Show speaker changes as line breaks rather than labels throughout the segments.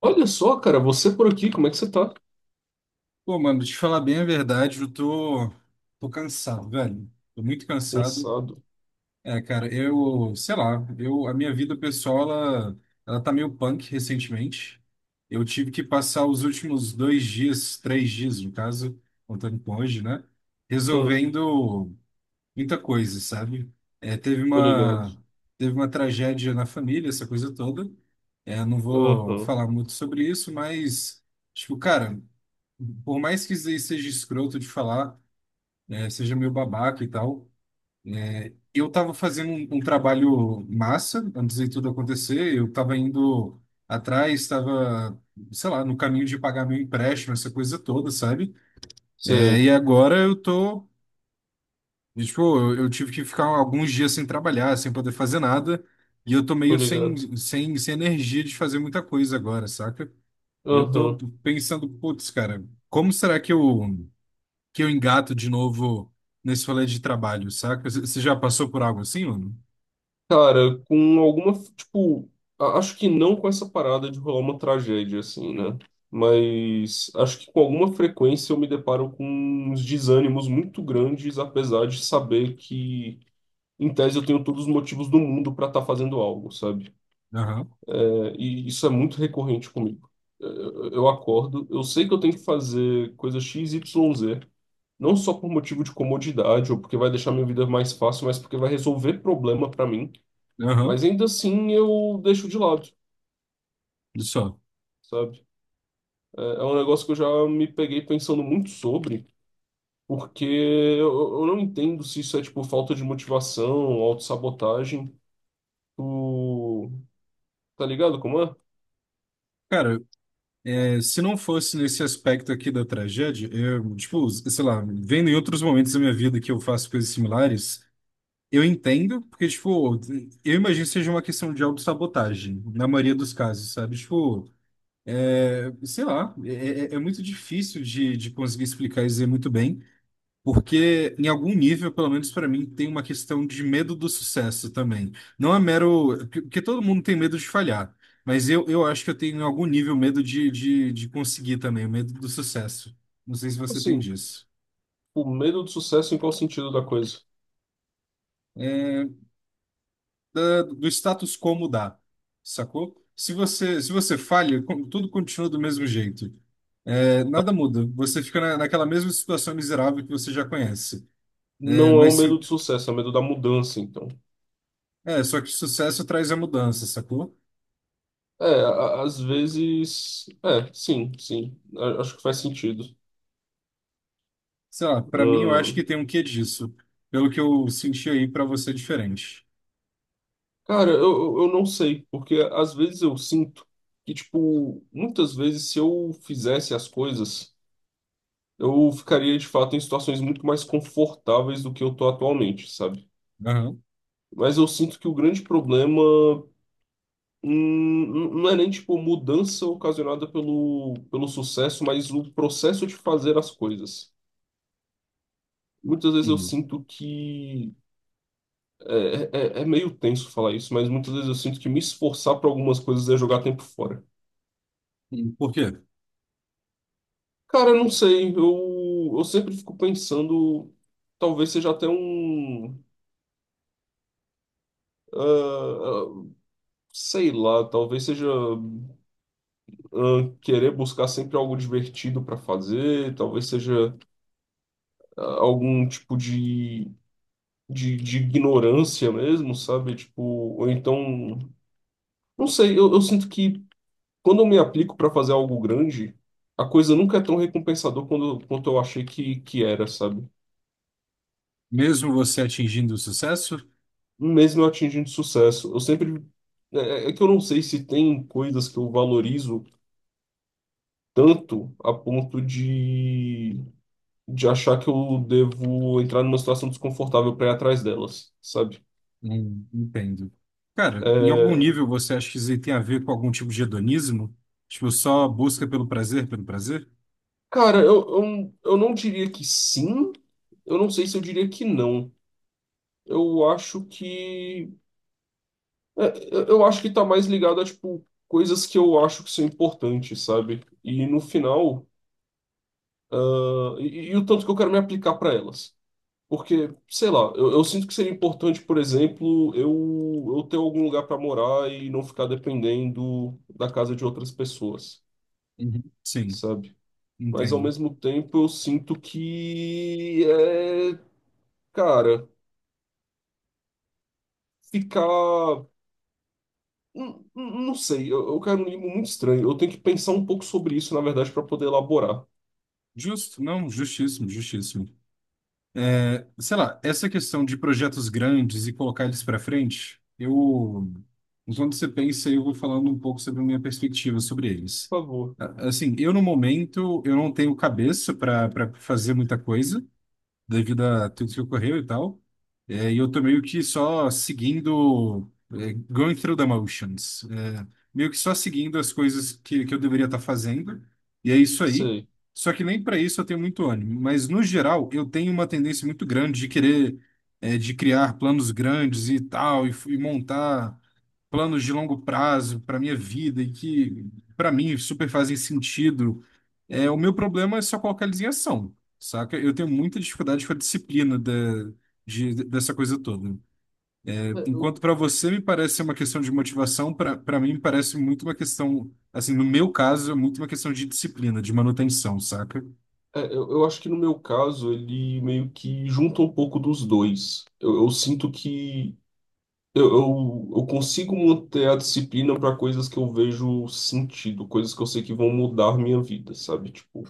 Olha só, cara, você por aqui, como é que você tá?
Pô, mano, te falar bem a verdade, eu tô cansado, velho. Tô muito cansado.
Cansado.
Cara, eu, sei lá, eu, a minha vida pessoal, ela tá meio punk recentemente. Eu tive que passar os últimos dois dias, três dias, no caso, contando com hoje, né?
Ah,
Resolvendo muita coisa, sabe? É, teve
tô ligado.
uma, teve uma tragédia na família, essa coisa toda. Não vou
Aham,
falar muito sobre isso, mas, tipo, cara. Por mais que isso aí seja escroto de falar, seja meio babaca e tal, eu tava fazendo um trabalho massa antes de tudo acontecer. Eu tava indo atrás, sei lá, no caminho de pagar meu empréstimo, essa coisa toda, sabe? É,
sei,
e agora tipo, eu tive que ficar alguns dias sem trabalhar, sem poder fazer nada, e eu tô
tô
meio
ligado.
sem energia de fazer muita coisa agora, saca? E eu tô
Aham.
pensando, putz, cara, como será que eu engato de novo nesse rolê de trabalho, saca? Você já passou por algo assim, mano?
Cara, com alguma, tipo, acho que não com essa parada de rolar uma tragédia, assim, né? Mas acho que com alguma frequência eu me deparo com uns desânimos muito grandes, apesar de saber que, em tese, eu tenho todos os motivos do mundo pra estar fazendo algo, sabe?
Aham,
E isso é muito recorrente comigo. Eu acordo, eu sei que eu tenho que fazer coisa X, Y, Z, não só por motivo de comodidade ou porque vai deixar minha vida mais fácil, mas porque vai resolver problema para mim.
aham.
Mas ainda assim eu deixo de lado,
Olha só.
sabe? É um negócio que eu já me peguei pensando muito sobre, porque eu não entendo se isso é tipo falta de motivação, autossabotagem, o... tá ligado como é?
Cara, se não fosse nesse aspecto aqui da tragédia, eu, tipo, sei lá, vendo em outros momentos da minha vida que eu faço coisas similares, eu entendo, porque, tipo, eu imagino que seja uma questão de autossabotagem, na maioria dos casos, sabe? Tipo, é, sei lá, é, é- é muito difícil de conseguir explicar e dizer muito bem. Porque, em algum nível, pelo menos para mim, tem uma questão de medo do sucesso também. Não é mero. Porque todo mundo tem medo de falhar. Mas eu acho que eu tenho, em algum nível, medo de conseguir também, o medo do sucesso. Não sei se você tem
Assim,
disso.
o medo do sucesso em qual sentido da coisa?
Do status quo mudar, sacou? Se você falha, tudo continua do mesmo jeito. É, nada muda. Você fica naquela mesma situação miserável que você já conhece. É,
Não é
mas
um
se,
medo de sucesso, é um medo da mudança, então.
é, só que o sucesso traz a mudança, sacou?
É, às vezes. É, sim, sim. Acho que faz sentido.
Sei lá, pra mim eu acho que
Ahn,
tem um quê disso. Pelo que eu senti aí, pra você é diferente.
cara, eu não sei, porque às vezes eu sinto que, tipo, muitas vezes se eu fizesse as coisas, eu ficaria de fato em situações muito mais confortáveis do que eu tô atualmente, sabe?
Aham.
Mas eu sinto que o grande problema. Não é nem tipo mudança ocasionada pelo, pelo sucesso, mas o processo de fazer as coisas. Muitas vezes eu
Hum.
sinto que. É meio tenso falar isso, mas muitas vezes eu sinto que me esforçar para algumas coisas é jogar tempo fora.
Hum. Por quê?
Cara, eu não sei, eu sempre fico pensando. Talvez seja até um. ah, ah, Sei lá, talvez seja querer buscar sempre algo divertido para fazer, talvez seja algum tipo de, de ignorância mesmo, sabe? Tipo, ou então. Não sei, eu sinto que. Quando eu me aplico para fazer algo grande, a coisa nunca é tão recompensador quanto eu achei que era, sabe?
Mesmo você atingindo o sucesso?
Mesmo eu atingindo sucesso, eu sempre. É, é que eu não sei se tem coisas que eu valorizo tanto a ponto de achar que eu devo entrar numa situação desconfortável para ir atrás delas, sabe?
Entendo. Cara, em algum
É,
nível você acha que isso aí tem a ver com algum tipo de hedonismo? Tipo, só busca pelo prazer, pelo prazer?
cara, eu não diria que sim, eu não sei se eu diria que não. Eu acho que. É, eu acho que tá mais ligado a, tipo, coisas que eu acho que são importantes, sabe? E no final, e o tanto que eu quero me aplicar para elas. Porque, sei lá, eu sinto que seria importante, por exemplo, eu ter algum lugar para morar e não ficar dependendo da casa de outras pessoas,
Uhum. Sim,
sabe? Mas ao
entendo.
mesmo tempo eu sinto que é, cara, ficar. Não sei, eu quero um limbo muito estranho. Eu tenho que pensar um pouco sobre isso, na verdade, para poder elaborar.
Justo, não, justíssimo, justíssimo. É, sei lá, essa questão de projetos grandes e colocar eles para frente, eu, enquanto você pensa, eu vou falando um pouco sobre a minha perspectiva sobre eles.
Por favor.
Assim, eu no momento, eu não tenho cabeça para fazer muita coisa, devido a tudo que ocorreu e tal. E eu tô meio que só seguindo, é, going through the motions. É, meio que só seguindo as coisas que eu deveria estar fazendo. E é isso aí.
Sei.
Só que nem para isso eu tenho muito ânimo. Mas, no geral, eu tenho uma tendência muito grande de querer, de criar planos grandes e tal, e montar planos de longo prazo para minha vida e que, para mim, super fazem sentido. É, o meu problema é só colocar eles em ação. Saca? Eu tenho muita dificuldade com a disciplina dessa coisa toda.
É, Eu,
Enquanto para você me parece ser uma questão de motivação, para mim me parece muito uma questão, assim, no meu caso, é muito uma questão de disciplina, de manutenção, saca?
eu acho que no meu caso ele meio que junta um pouco dos dois. Eu sinto que eu consigo manter a disciplina para coisas que eu vejo sentido, coisas que eu sei que vão mudar minha vida, sabe? Tipo,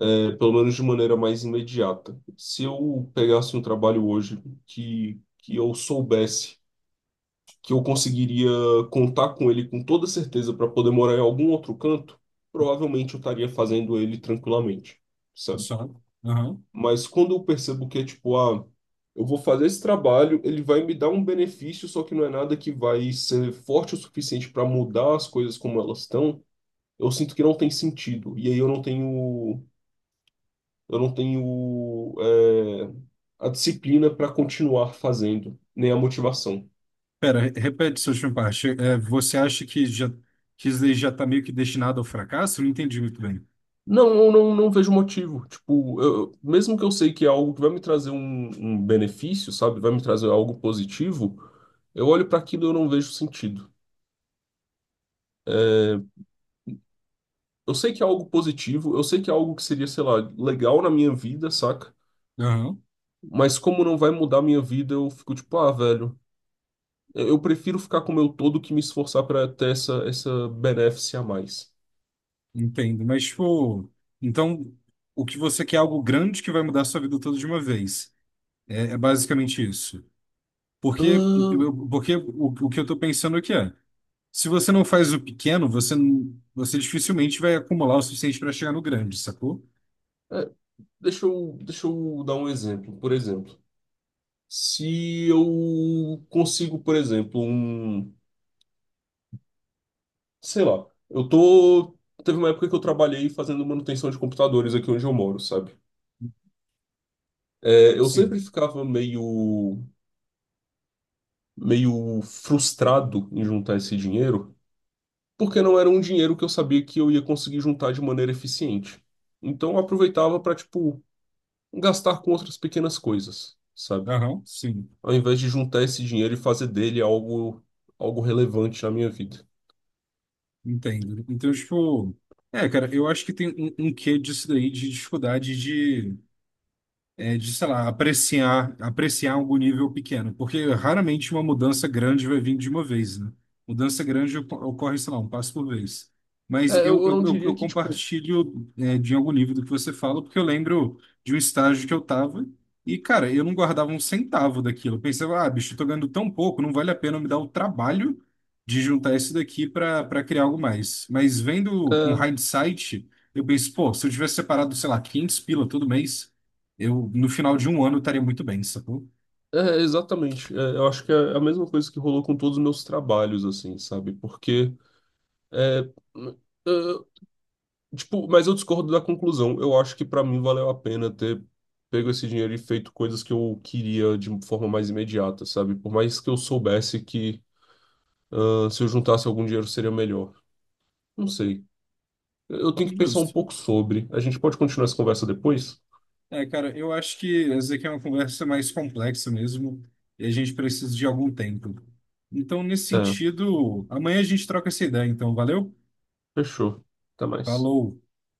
é, pelo menos de maneira mais imediata. Se eu pegasse um trabalho hoje que eu soubesse. Que eu conseguiria contar com ele com toda certeza para poder morar em algum outro canto, provavelmente eu estaria fazendo ele tranquilamente, sabe?
Só. Aham.
Mas quando eu percebo que é tipo, ah, eu vou fazer esse trabalho, ele vai me dar um benefício, só que não é nada que vai ser forte o suficiente para mudar as coisas como elas estão, eu sinto que não tem sentido. E aí eu não tenho, a disciplina para continuar fazendo, nem a motivação.
Pera, repete sua última parte. É, você acha que já que isso daí já tá meio que destinado ao fracasso? Não entendi muito bem.
Não, eu não, não vejo motivo. Tipo, mesmo que eu sei que é algo que vai me trazer um benefício, sabe? Vai me trazer algo positivo, eu olho para aquilo e eu não vejo sentido. Eu sei que é algo positivo, eu sei que é algo que seria, sei lá, legal na minha vida, saca?
Aham.
Mas como não vai mudar a minha vida, eu fico tipo, ah, velho, eu prefiro ficar com o meu todo que me esforçar para ter essa, essa benéfice a mais.
Entendo, mas tipo, então o que você quer é algo grande que vai mudar a sua vida toda de uma vez. É, é basicamente isso. Porque,
Ahn,
porque o que eu estou pensando aqui é, se você não faz o pequeno, você, não- você dificilmente vai acumular o suficiente para chegar no grande, sacou?
é, Deixa eu, dar um exemplo. Por exemplo. Se eu consigo, por exemplo, um, sei lá, eu tô, teve uma época que eu trabalhei fazendo manutenção de computadores aqui onde eu moro, sabe? É, eu
Sim.
sempre ficava meio frustrado em juntar esse dinheiro, porque não era um dinheiro que eu sabia que eu ia conseguir juntar de maneira eficiente. Então eu aproveitava para, tipo, gastar com outras pequenas coisas, sabe?
Aham, sim.
Ao invés de juntar esse dinheiro e fazer dele algo, algo relevante na minha vida.
Entendo. Então, tipo, é, cara, eu acho que tem um quê disso daí de dificuldade sei lá, apreciar, apreciar algum nível pequeno, porque raramente uma mudança grande vai vir de uma vez, né? Mudança grande ocorre, sei lá, um passo por vez.
É,
Mas eu,
eu
eu,
não
eu,
diria
eu
que, tipo.
compartilho, de algum nível do que você fala, porque eu lembro de um estágio que eu tava e, cara, eu não guardava um centavo daquilo. Eu pensava, ah, bicho, eu tô ganhando tão pouco, não vale a pena me dar o trabalho de juntar isso daqui para criar algo mais. Mas vendo com
É,
hindsight, eu penso, pô, se eu tivesse separado, sei lá, 500 pila todo mês, eu, no final de um ano, estaria muito bem, sacou?
Exatamente. É, eu acho que é a mesma coisa que rolou com todos os meus trabalhos, assim, sabe? Porque, é, é, tipo, mas eu discordo da conclusão. Eu acho que pra mim valeu a pena ter pego esse dinheiro e feito coisas que eu queria de forma mais imediata, sabe? Por mais que eu soubesse que, ah, se eu juntasse algum dinheiro seria melhor. Não sei. Eu tenho que pensar um
Justo.
pouco sobre. A gente pode continuar essa conversa depois?
É, cara, eu acho que essa aqui é uma conversa mais complexa mesmo, e a gente precisa de algum tempo. Então, nesse
É,
sentido, amanhã a gente troca essa ideia, então, valeu?
fechou. Até mais.
Falou!